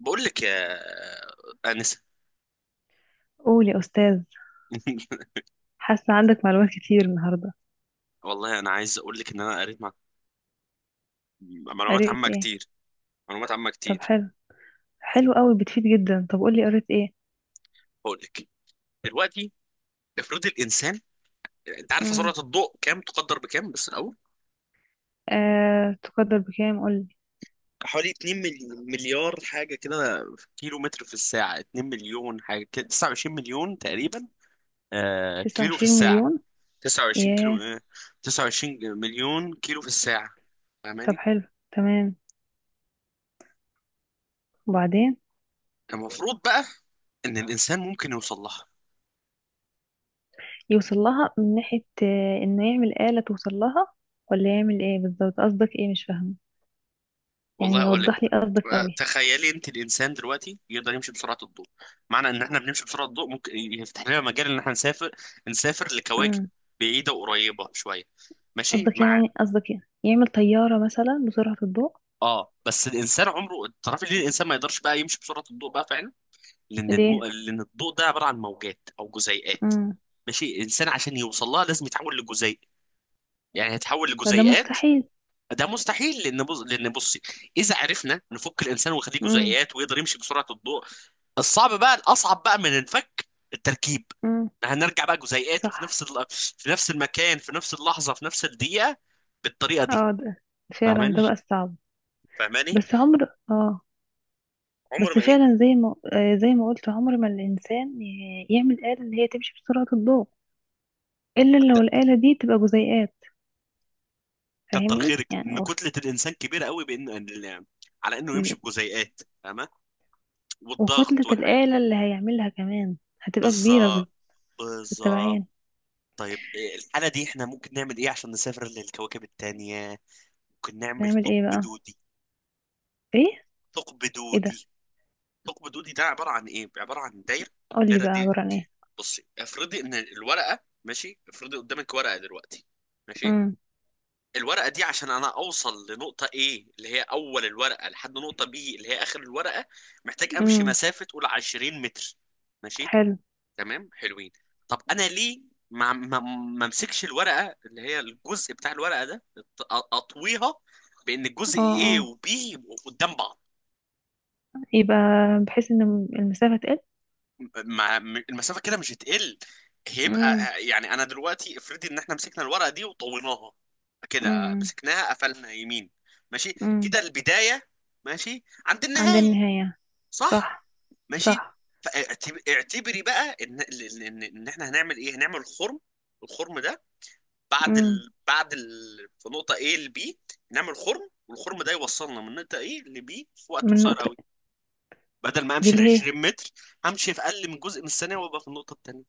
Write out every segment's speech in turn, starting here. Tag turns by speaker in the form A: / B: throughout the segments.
A: بقول لك يا انسه.
B: قول يا أستاذ. حاسة عندك معلومات كتير النهاردة.
A: والله انا عايز اقول لك ان انا قريت معلومات
B: قريت
A: عامه
B: ايه؟
A: كتير. معلومات عامه
B: طب
A: كتير
B: حلو. حلو قوي، بتفيد جدا. طب قولي، قريت ايه؟
A: هقول لك دلوقتي. افرض الانسان، انت عارف سرعه
B: مم.
A: الضوء كام؟ تقدر بكام بس الاول؟
B: آه، تقدر بكام قولي.
A: حوالي 2 مليار حاجه كده في كيلو متر في الساعه، 2 مليون حاجه كده، 29 مليون تقريبا. آه
B: تسعة
A: كيلو في
B: وعشرين
A: الساعه.
B: مليون
A: 29 كيلو
B: ياه.
A: آه. 29 مليون كيلو في الساعه.
B: طب
A: فاهماني؟
B: حلو. تمام. وبعدين؟
A: المفروض بقى ان الانسان ممكن يوصل لها.
B: يوصل لها من ناحية انه يعمل آلة توصل لها، ولا يعمل ايه بالظبط؟ قصدك ايه؟ مش فاهمة.
A: والله
B: يعني
A: اقول لك
B: يوضح لي قصدك
A: بقى.
B: قوي.
A: تخيلي انت الانسان دلوقتي يقدر يمشي بسرعه الضوء. معنى ان احنا بنمشي بسرعه الضوء ممكن يفتح لنا مجال ان احنا نسافر، نسافر لكواكب
B: مم.
A: بعيده وقريبه شويه. ماشي
B: قصدك
A: مع،
B: يعني قصدك يعني يعمل طيارة مثلا بسرعة الضوء؟
A: اه بس الانسان عمره. تعرفي ليه الانسان ما يقدرش بقى يمشي بسرعه الضوء بقى فعلا؟ لان
B: ليه؟
A: لان الضوء ده عباره عن موجات او جزيئات.
B: مم.
A: ماشي. الانسان عشان يوصل لها لازم يتحول لجزيء، يعني هيتحول
B: فده
A: لجزيئات.
B: مستحيل.
A: ده مستحيل لان لان بصي، اذا عرفنا نفك الانسان ونخليه
B: مم.
A: جزيئات ويقدر يمشي بسرعه الضوء، الصعب بقى الاصعب بقى من الفك التركيب.
B: مم.
A: هنرجع بقى جزيئات وفي
B: صح.
A: في نفس المكان، في نفس اللحظه، في نفس الدقيقه، بالطريقه دي.
B: اه ده فعلا،
A: فاهماني؟
B: ده بقى الصعب.
A: فاهماني
B: بس عمر اه.
A: عمر
B: بس
A: ما ايه.
B: فعلا زي ما زي ما قلت، عمر ما الإنسان يعمل آلة اللي هي تمشي بسرعة الضوء، إلا لو
A: حتى-
B: الآلة دي تبقى جزيئات.
A: كتر
B: فاهمني
A: خيرك
B: يعني
A: ان كتله الانسان كبيره قوي بان على انه يمشي بجزيئات، فاهمه، والضغط
B: وكتلة
A: والحاجات.
B: الآلة اللي هيعملها كمان هتبقى كبيرة
A: بالظبط. بالظبط
B: بالتبعين.
A: طيب إيه الحاله دي؟ احنا ممكن نعمل ايه عشان نسافر للكواكب التانية؟ ممكن نعمل
B: نعمل ايه
A: ثقب
B: بقى؟
A: دودي.
B: ايه؟
A: ثقب
B: ايه ده؟
A: دودي. ثقب دودي ده عباره عن ايه؟ عباره عن دايره.
B: قولي
A: الدايره
B: بقى
A: دي،
B: عبارة عن ايه.
A: بصي افرضي ان الورقه، ماشي، افرضي قدامك ورقه دلوقتي. ماشي.
B: امم.
A: الورقه دي عشان انا اوصل لنقطه ايه اللي هي اول الورقه لحد نقطه بي اللي هي اخر الورقه، محتاج امشي
B: امم.
A: مسافه، قول 20 متر. ماشي.
B: حلو.
A: تمام حلوين. طب انا ليه ما ما امسكش الورقه اللي هي الجزء بتاع الورقه ده اطويها بان الجزء
B: اه
A: ايه
B: اه.
A: وبي يبقوا قدام بعض؟
B: يبقى بحيث ان المسافة تقل.
A: ما م- المسافه كده مش هتقل، هيبقى،
B: امم.
A: يعني انا دلوقتي افرضي ان احنا مسكنا الورقه دي وطويناها، كده
B: امم.
A: مسكناها قفلنا يمين. ماشي.
B: امم.
A: كده البدايه ماشي عند
B: عند
A: النهايه.
B: النهاية.
A: صح.
B: صح.
A: ماشي.
B: صح.
A: اعتبري بقى ان ان ان إن احنا هنعمل ايه. هنعمل خرم. الخرم ده بعد
B: امم.
A: بعد في نقطه A ل B، نعمل خرم والخرم ده يوصلنا من نقطه A ل B في وقت
B: من
A: قصير
B: نقطة.
A: قوي. بدل ما
B: دي
A: امشي ال
B: اللي هي.
A: 20 متر، همشي في اقل من جزء من الثانيه وابقى في النقطه الثانيه.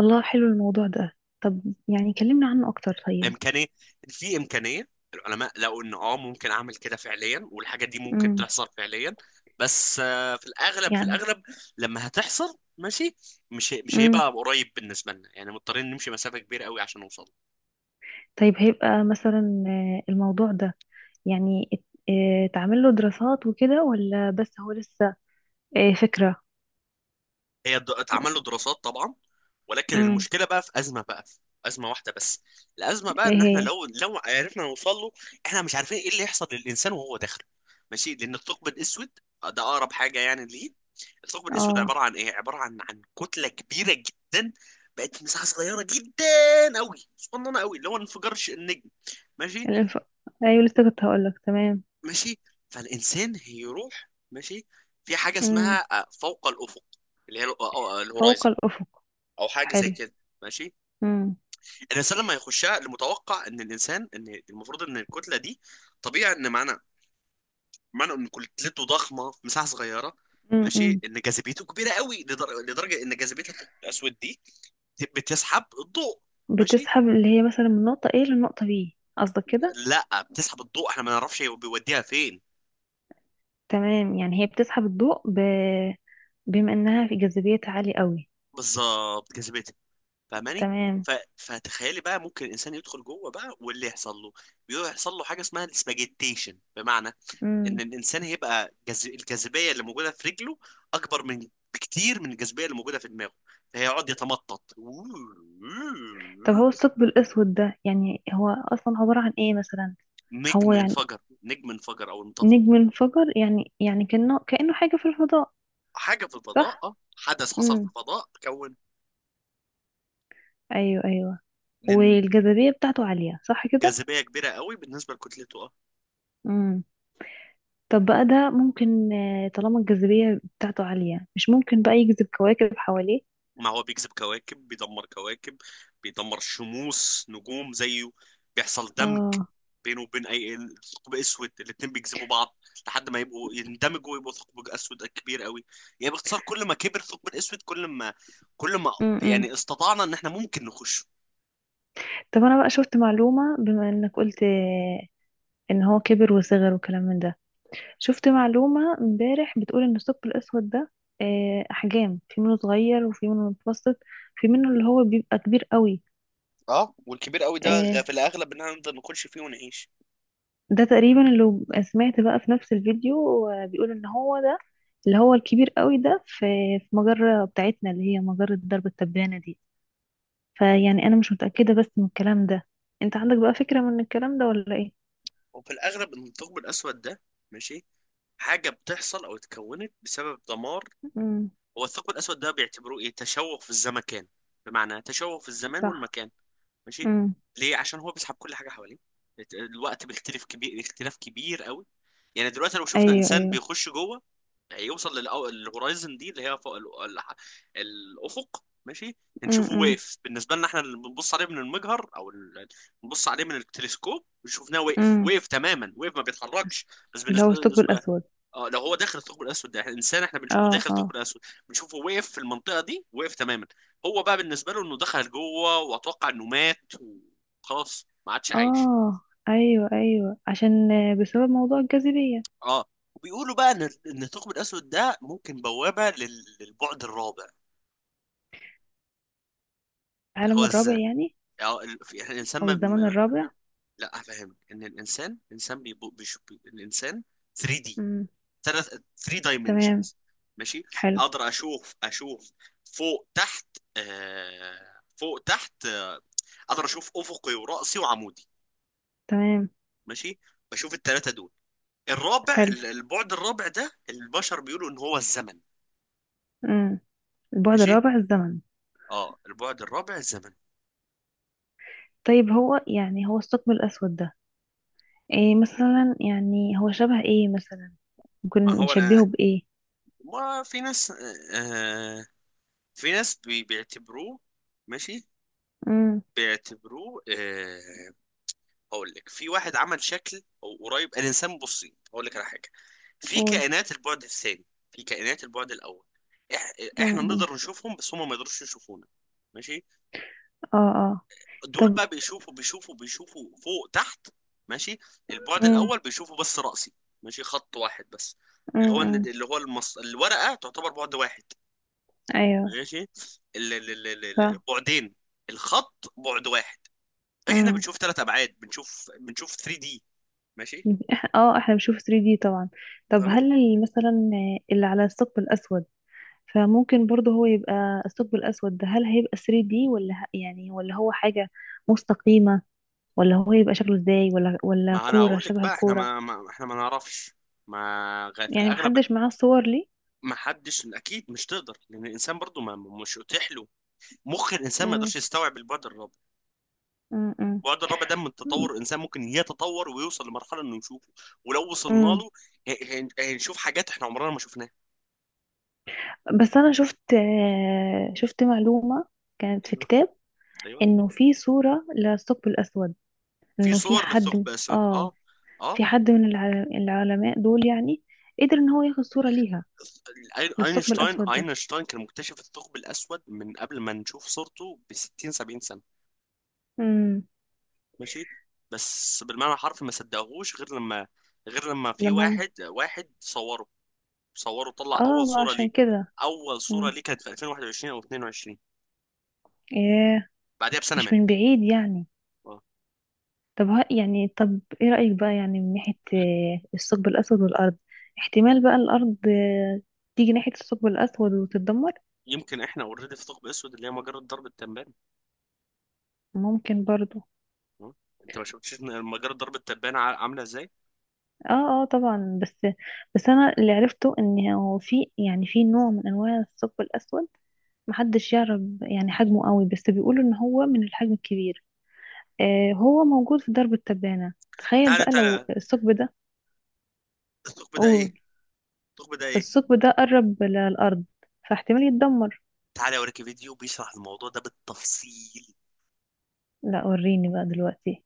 B: الله، حلو الموضوع ده. طب يعني كلمنا عنه أكتر طيب.
A: امكانيه، في امكانيه. العلماء لقوا ان اه ممكن اعمل كده فعليا، والحاجه دي ممكن
B: امم.
A: تحصل فعليا، بس في الاغلب،
B: يعني.
A: لما هتحصل، ماشي، مش
B: امم.
A: هيبقى قريب بالنسبه لنا، يعني مضطرين نمشي مسافه كبيره قوي عشان نوصل.
B: طيب هيبقى مثلا الموضوع ده يعني تعمل له دراسات وكده، ولا بس هو لسه فكرة؟
A: اتعمل له دراسات طبعا، ولكن
B: امم.
A: المشكله بقى في ازمه، بقى في ازمه واحده بس. الازمه بقى
B: ايه
A: ان احنا
B: هي؟
A: لو عرفنا نوصل له، احنا مش عارفين ايه اللي يحصل للانسان وهو داخل. ماشي، لان الثقب الاسود ده اقرب حاجه يعني ليه. الثقب الاسود عباره
B: اه.
A: عن ايه؟ عباره عن كتله كبيره جدا بقت مساحه صغيره جدا قوي، صغننه قوي، اللي هو انفجار النجم. ماشي.
B: الانف... ايوه لسه كنت هقولك. تمام.
A: ماشي. فالانسان هيروح، ماشي، في حاجه اسمها
B: امم.
A: فوق الافق، اللي هي
B: فوق
A: الهورايزن،
B: الأفق.
A: او حاجه زي
B: حلو.
A: كده. ماشي.
B: امم.
A: الانسان لما يخشها، المتوقع ان الانسان، ان المفروض ان الكتله دي، طبيعي ان معنى، معنى ان كتلته ضخمه في مساحه صغيره، ماشي،
B: امم.
A: ان جاذبيته كبيره قوي لدرجه ان جاذبيه الثقب الاسود دي بتسحب الضوء. ماشي.
B: بتسحب اللي هي مثلا من نقطة A لنقطة B؟ قصدك كده؟
A: لا، بتسحب الضوء، احنا ما نعرفش هو بيوديها فين.
B: تمام. يعني هي بتسحب الضوء بما انها في جاذبيتها عالية قوي.
A: بالظبط، جاذبيتها. فاهماني؟
B: تمام.
A: فتخيلي بقى ممكن الانسان يدخل جوه بقى واللي يحصل له، بيحصل له حاجه اسمها السباجيتيشن، بمعنى ان
B: امم.
A: الانسان هيبقى الجاذبيه اللي موجوده في رجله اكبر من، بكتير من الجاذبيه اللي موجوده في دماغه، فهيقعد يتمطط.
B: طب هو الثقب الاسود ده يعني هو اصلا عبارة عن ايه مثلا؟ هو
A: نجم
B: يعني
A: انفجر. نجم انفجر او انطفى.
B: نجم انفجر؟ يعني كأنه حاجة في الفضاء؟
A: حاجه في الفضاء،
B: صح.
A: اه، حدث حصل في
B: امم.
A: الفضاء، كون.
B: ايوه ايوه.
A: لأن
B: والجاذبية بتاعته عالية صح كده؟
A: جاذبيه كبيره قوي بالنسبه لكتلته.
B: امم. طب بقى ده ممكن، طالما الجاذبية بتاعته عالية، مش ممكن بقى يجذب كواكب حواليه؟
A: ما هو بيجذب كواكب، بيدمر كواكب، بيدمر شموس، نجوم زيه. بيحصل دمج
B: اه.
A: بينه وبين اي ثقب اسود، الاتنين بيجذبوا بعض لحد ما يبقوا يندمجوا ويبقوا ثقب اسود كبير قوي. يعني باختصار، كل ما كبر الثقب الاسود، كل ما، كل ما
B: امم.
A: يعني استطعنا ان احنا ممكن نخش.
B: طب انا بقى شفت معلومة، بما انك قلت ان هو كبر وصغر وكلام من ده، شفت معلومة امبارح بتقول ان الثقب الاسود ده احجام، في منه صغير وفي منه متوسط، في منه اللي هو بيبقى كبير قوي.
A: اه، والكبير قوي ده
B: آه.
A: في الاغلب ان احنا نقدر نخش فيه ونعيش.
B: ده تقريبا اللي سمعت بقى في نفس الفيديو. بيقول ان هو ده اللي هو الكبير قوي ده في في مجرة بتاعتنا اللي هي مجرة درب التبانة دي. فيعني انا مش متأكدة بس من الكلام ده. انت عندك بقى فكرة من الكلام ده ولا ايه؟
A: وفي الاغلب ان الثقب الاسود ده، ماشي، حاجه بتحصل او اتكونت بسبب دمار.
B: امم.
A: هو الثقب الأسود ده بيعتبروه إيه؟ تشوه في الزمكان، بمعنى تشوه في الزمان
B: صح.
A: والمكان. ماشي.
B: امم.
A: ليه؟ عشان هو بيسحب كل حاجة حواليه. الوقت بيختلف كبير، اختلاف كبير قوي. يعني دلوقتي لو شفنا
B: ايوه
A: إنسان
B: ايوه.
A: بيخش جوه، هيوصل للهورايزن دي اللي هي فوق الأفق، ماشي، هنشوفه
B: امم.
A: واقف بالنسبة لنا احنا اللي بنبص عليه من المجهر أو بنبص عليه من التلسكوب، شفناه واقف،
B: امم.
A: واقف تماما، واقف ما بيتحركش. بس
B: اللي هو الثقب
A: بالنسبة،
B: الاسود.
A: اه لو هو داخل الثقب الاسود ده، احنا انسان احنا بنشوفه
B: اه
A: داخل الثقب
B: اه.
A: الاسود، بنشوفه وقف في المنطقه دي، وقف تماما. هو بقى بالنسبه له انه دخل جوه واتوقع انه مات وخلاص ما عادش عايش.
B: اه. ايوه ايوه، عشان بسبب موضوع الجاذبية.
A: اه. وبيقولوا بقى ان الثقب الاسود ده ممكن بوابه للبعد الرابع، اللي هو
B: العالم الرابع
A: الذات.
B: يعني؟
A: اه يعني الانسان
B: او الزمن الرابع؟
A: لا، افهمك ان الانسان، الانسان بيشوف الانسان 3D،
B: امم.
A: ثلاث، 3
B: تمام.
A: دايمنشنز. ماشي.
B: حلو.
A: اقدر اشوف، اشوف فوق تحت، آه فوق تحت، آه اقدر اشوف افقي وراسي وعمودي.
B: تمام.
A: ماشي. بشوف الثلاثه دول. الرابع،
B: حلو.
A: البعد الرابع ده البشر بيقولوا ان هو الزمن.
B: امم. البعد
A: ماشي.
B: الرابع الزمن.
A: اه البعد الرابع الزمن.
B: طيب هو يعني هو الثقب الأسود ده ايه مثلا؟ يعني هو شبه ايه مثلا؟ ممكن
A: ما هو
B: نشبهه
A: انا،
B: بإيه؟
A: ما في ناس، آه، في ناس بيعتبروه. ماشي.
B: امم.
A: بيعتبروه آه. هقول لك، في واحد عمل شكل او قريب الانسان. بصي هقول لك على حاجه. في
B: قول.
A: كائنات البعد الثاني، في كائنات البعد الاول. إح... احنا
B: امم.
A: نقدر نشوفهم بس هم ما يقدروش يشوفونا. ماشي.
B: اه اه.
A: دول
B: طب.
A: بقى بيشوفوا، بيشوفوا فوق تحت. ماشي. البعد
B: امم.
A: الاول بيشوفوا بس راسي. ماشي. خط واحد بس، اللي هو
B: امم.
A: اللي هو الورقه تعتبر بعد واحد.
B: ايوه.
A: ماشي.
B: ف.
A: البعدين، الخط بعد واحد. احنا
B: امم.
A: بنشوف ثلاث ابعاد، بنشوف، بنشوف 3 دي. ماشي.
B: اه احنا بنشوف 3D طبعا. طب
A: فاهمة؟
B: مثلا اللي على الثقب الأسود، فممكن برضه هو يبقى الثقب الأسود ده هل هيبقى 3D، ولا يعني ولا هو حاجة مستقيمة؟ ولا هو يبقى شكله ازاي؟ ولا
A: ما انا
B: كورة
A: اقول لك
B: شبه
A: بقى، احنا
B: الكورة؟
A: ما احنا ما نعرفش. ما في
B: يعني
A: الاغلب.
B: محدش معاه الصور ليه؟
A: ما حدش اكيد مش تقدر، لان الانسان برضو ما، مش اتيح له. مخ الانسان ما
B: مم.
A: يقدرش يستوعب البعد الرابع.
B: مم.
A: البعد الرابع ده من
B: مم.
A: التطور الانسان ممكن يتطور ويوصل لمرحله انه يشوفه. ولو وصلنا
B: مم.
A: له، ه- هنشوف حاجات احنا عمرنا ما شفناها.
B: بس أنا شفت شفت معلومة كانت في
A: ايوه،
B: كتاب،
A: ايوه
B: إنه في صورة للثقب الأسود،
A: في
B: إنه في
A: صور
B: حد
A: للثقب الاسود،
B: آه،
A: اه، اه.
B: في حد من العلماء دول يعني قدر إن هو ياخد صورة ليها، للثقب
A: اينشتاين،
B: الأسود ده.
A: كان مكتشف الثقب الاسود من قبل ما نشوف صورته ب 60 70 سنه.
B: مم.
A: ماشي. بس بالمعنى الحرفي ما صدقهوش غير لما، غير لما في
B: لما هم.
A: واحد، صوره، طلع
B: اه،
A: اول
B: ما
A: صورة
B: عشان
A: ليه.
B: كده.
A: اول صورة
B: مم.
A: ليه كانت في 2021 او 22.
B: ايه؟
A: بعدها بسنة
B: مش
A: مات.
B: من بعيد يعني.
A: آه.
B: طب ها يعني، طب ايه رأيك بقى يعني من ناحية الثقب الأسود والأرض؟ احتمال بقى الأرض تيجي ناحية الثقب الأسود وتتدمر؟
A: يمكن احنا اوريدي في ثقب اسود اللي هي مجرة درب التبان.
B: ممكن برضو.
A: آه. انت ما شفتش إن مجرة درب التبان عاملة ازاي؟
B: اه اه طبعا. بس بس انا اللي عرفته ان هو في يعني في نوع من انواع الثقب الأسود محدش يعرف يعني حجمه قوي، بس بيقولوا ان هو من الحجم الكبير. آه هو موجود في درب التبانة. تخيل
A: تعالى،
B: بقى لو الثقب ده.
A: الثقب ده ايه،
B: قول.
A: الثقب ده ايه
B: الثقب ده قرب للأرض، فاحتمال يتدمر.
A: تعالى اوريك فيديو بيشرح الموضوع ده بالتفصيل.
B: لا وريني بقى دلوقتي.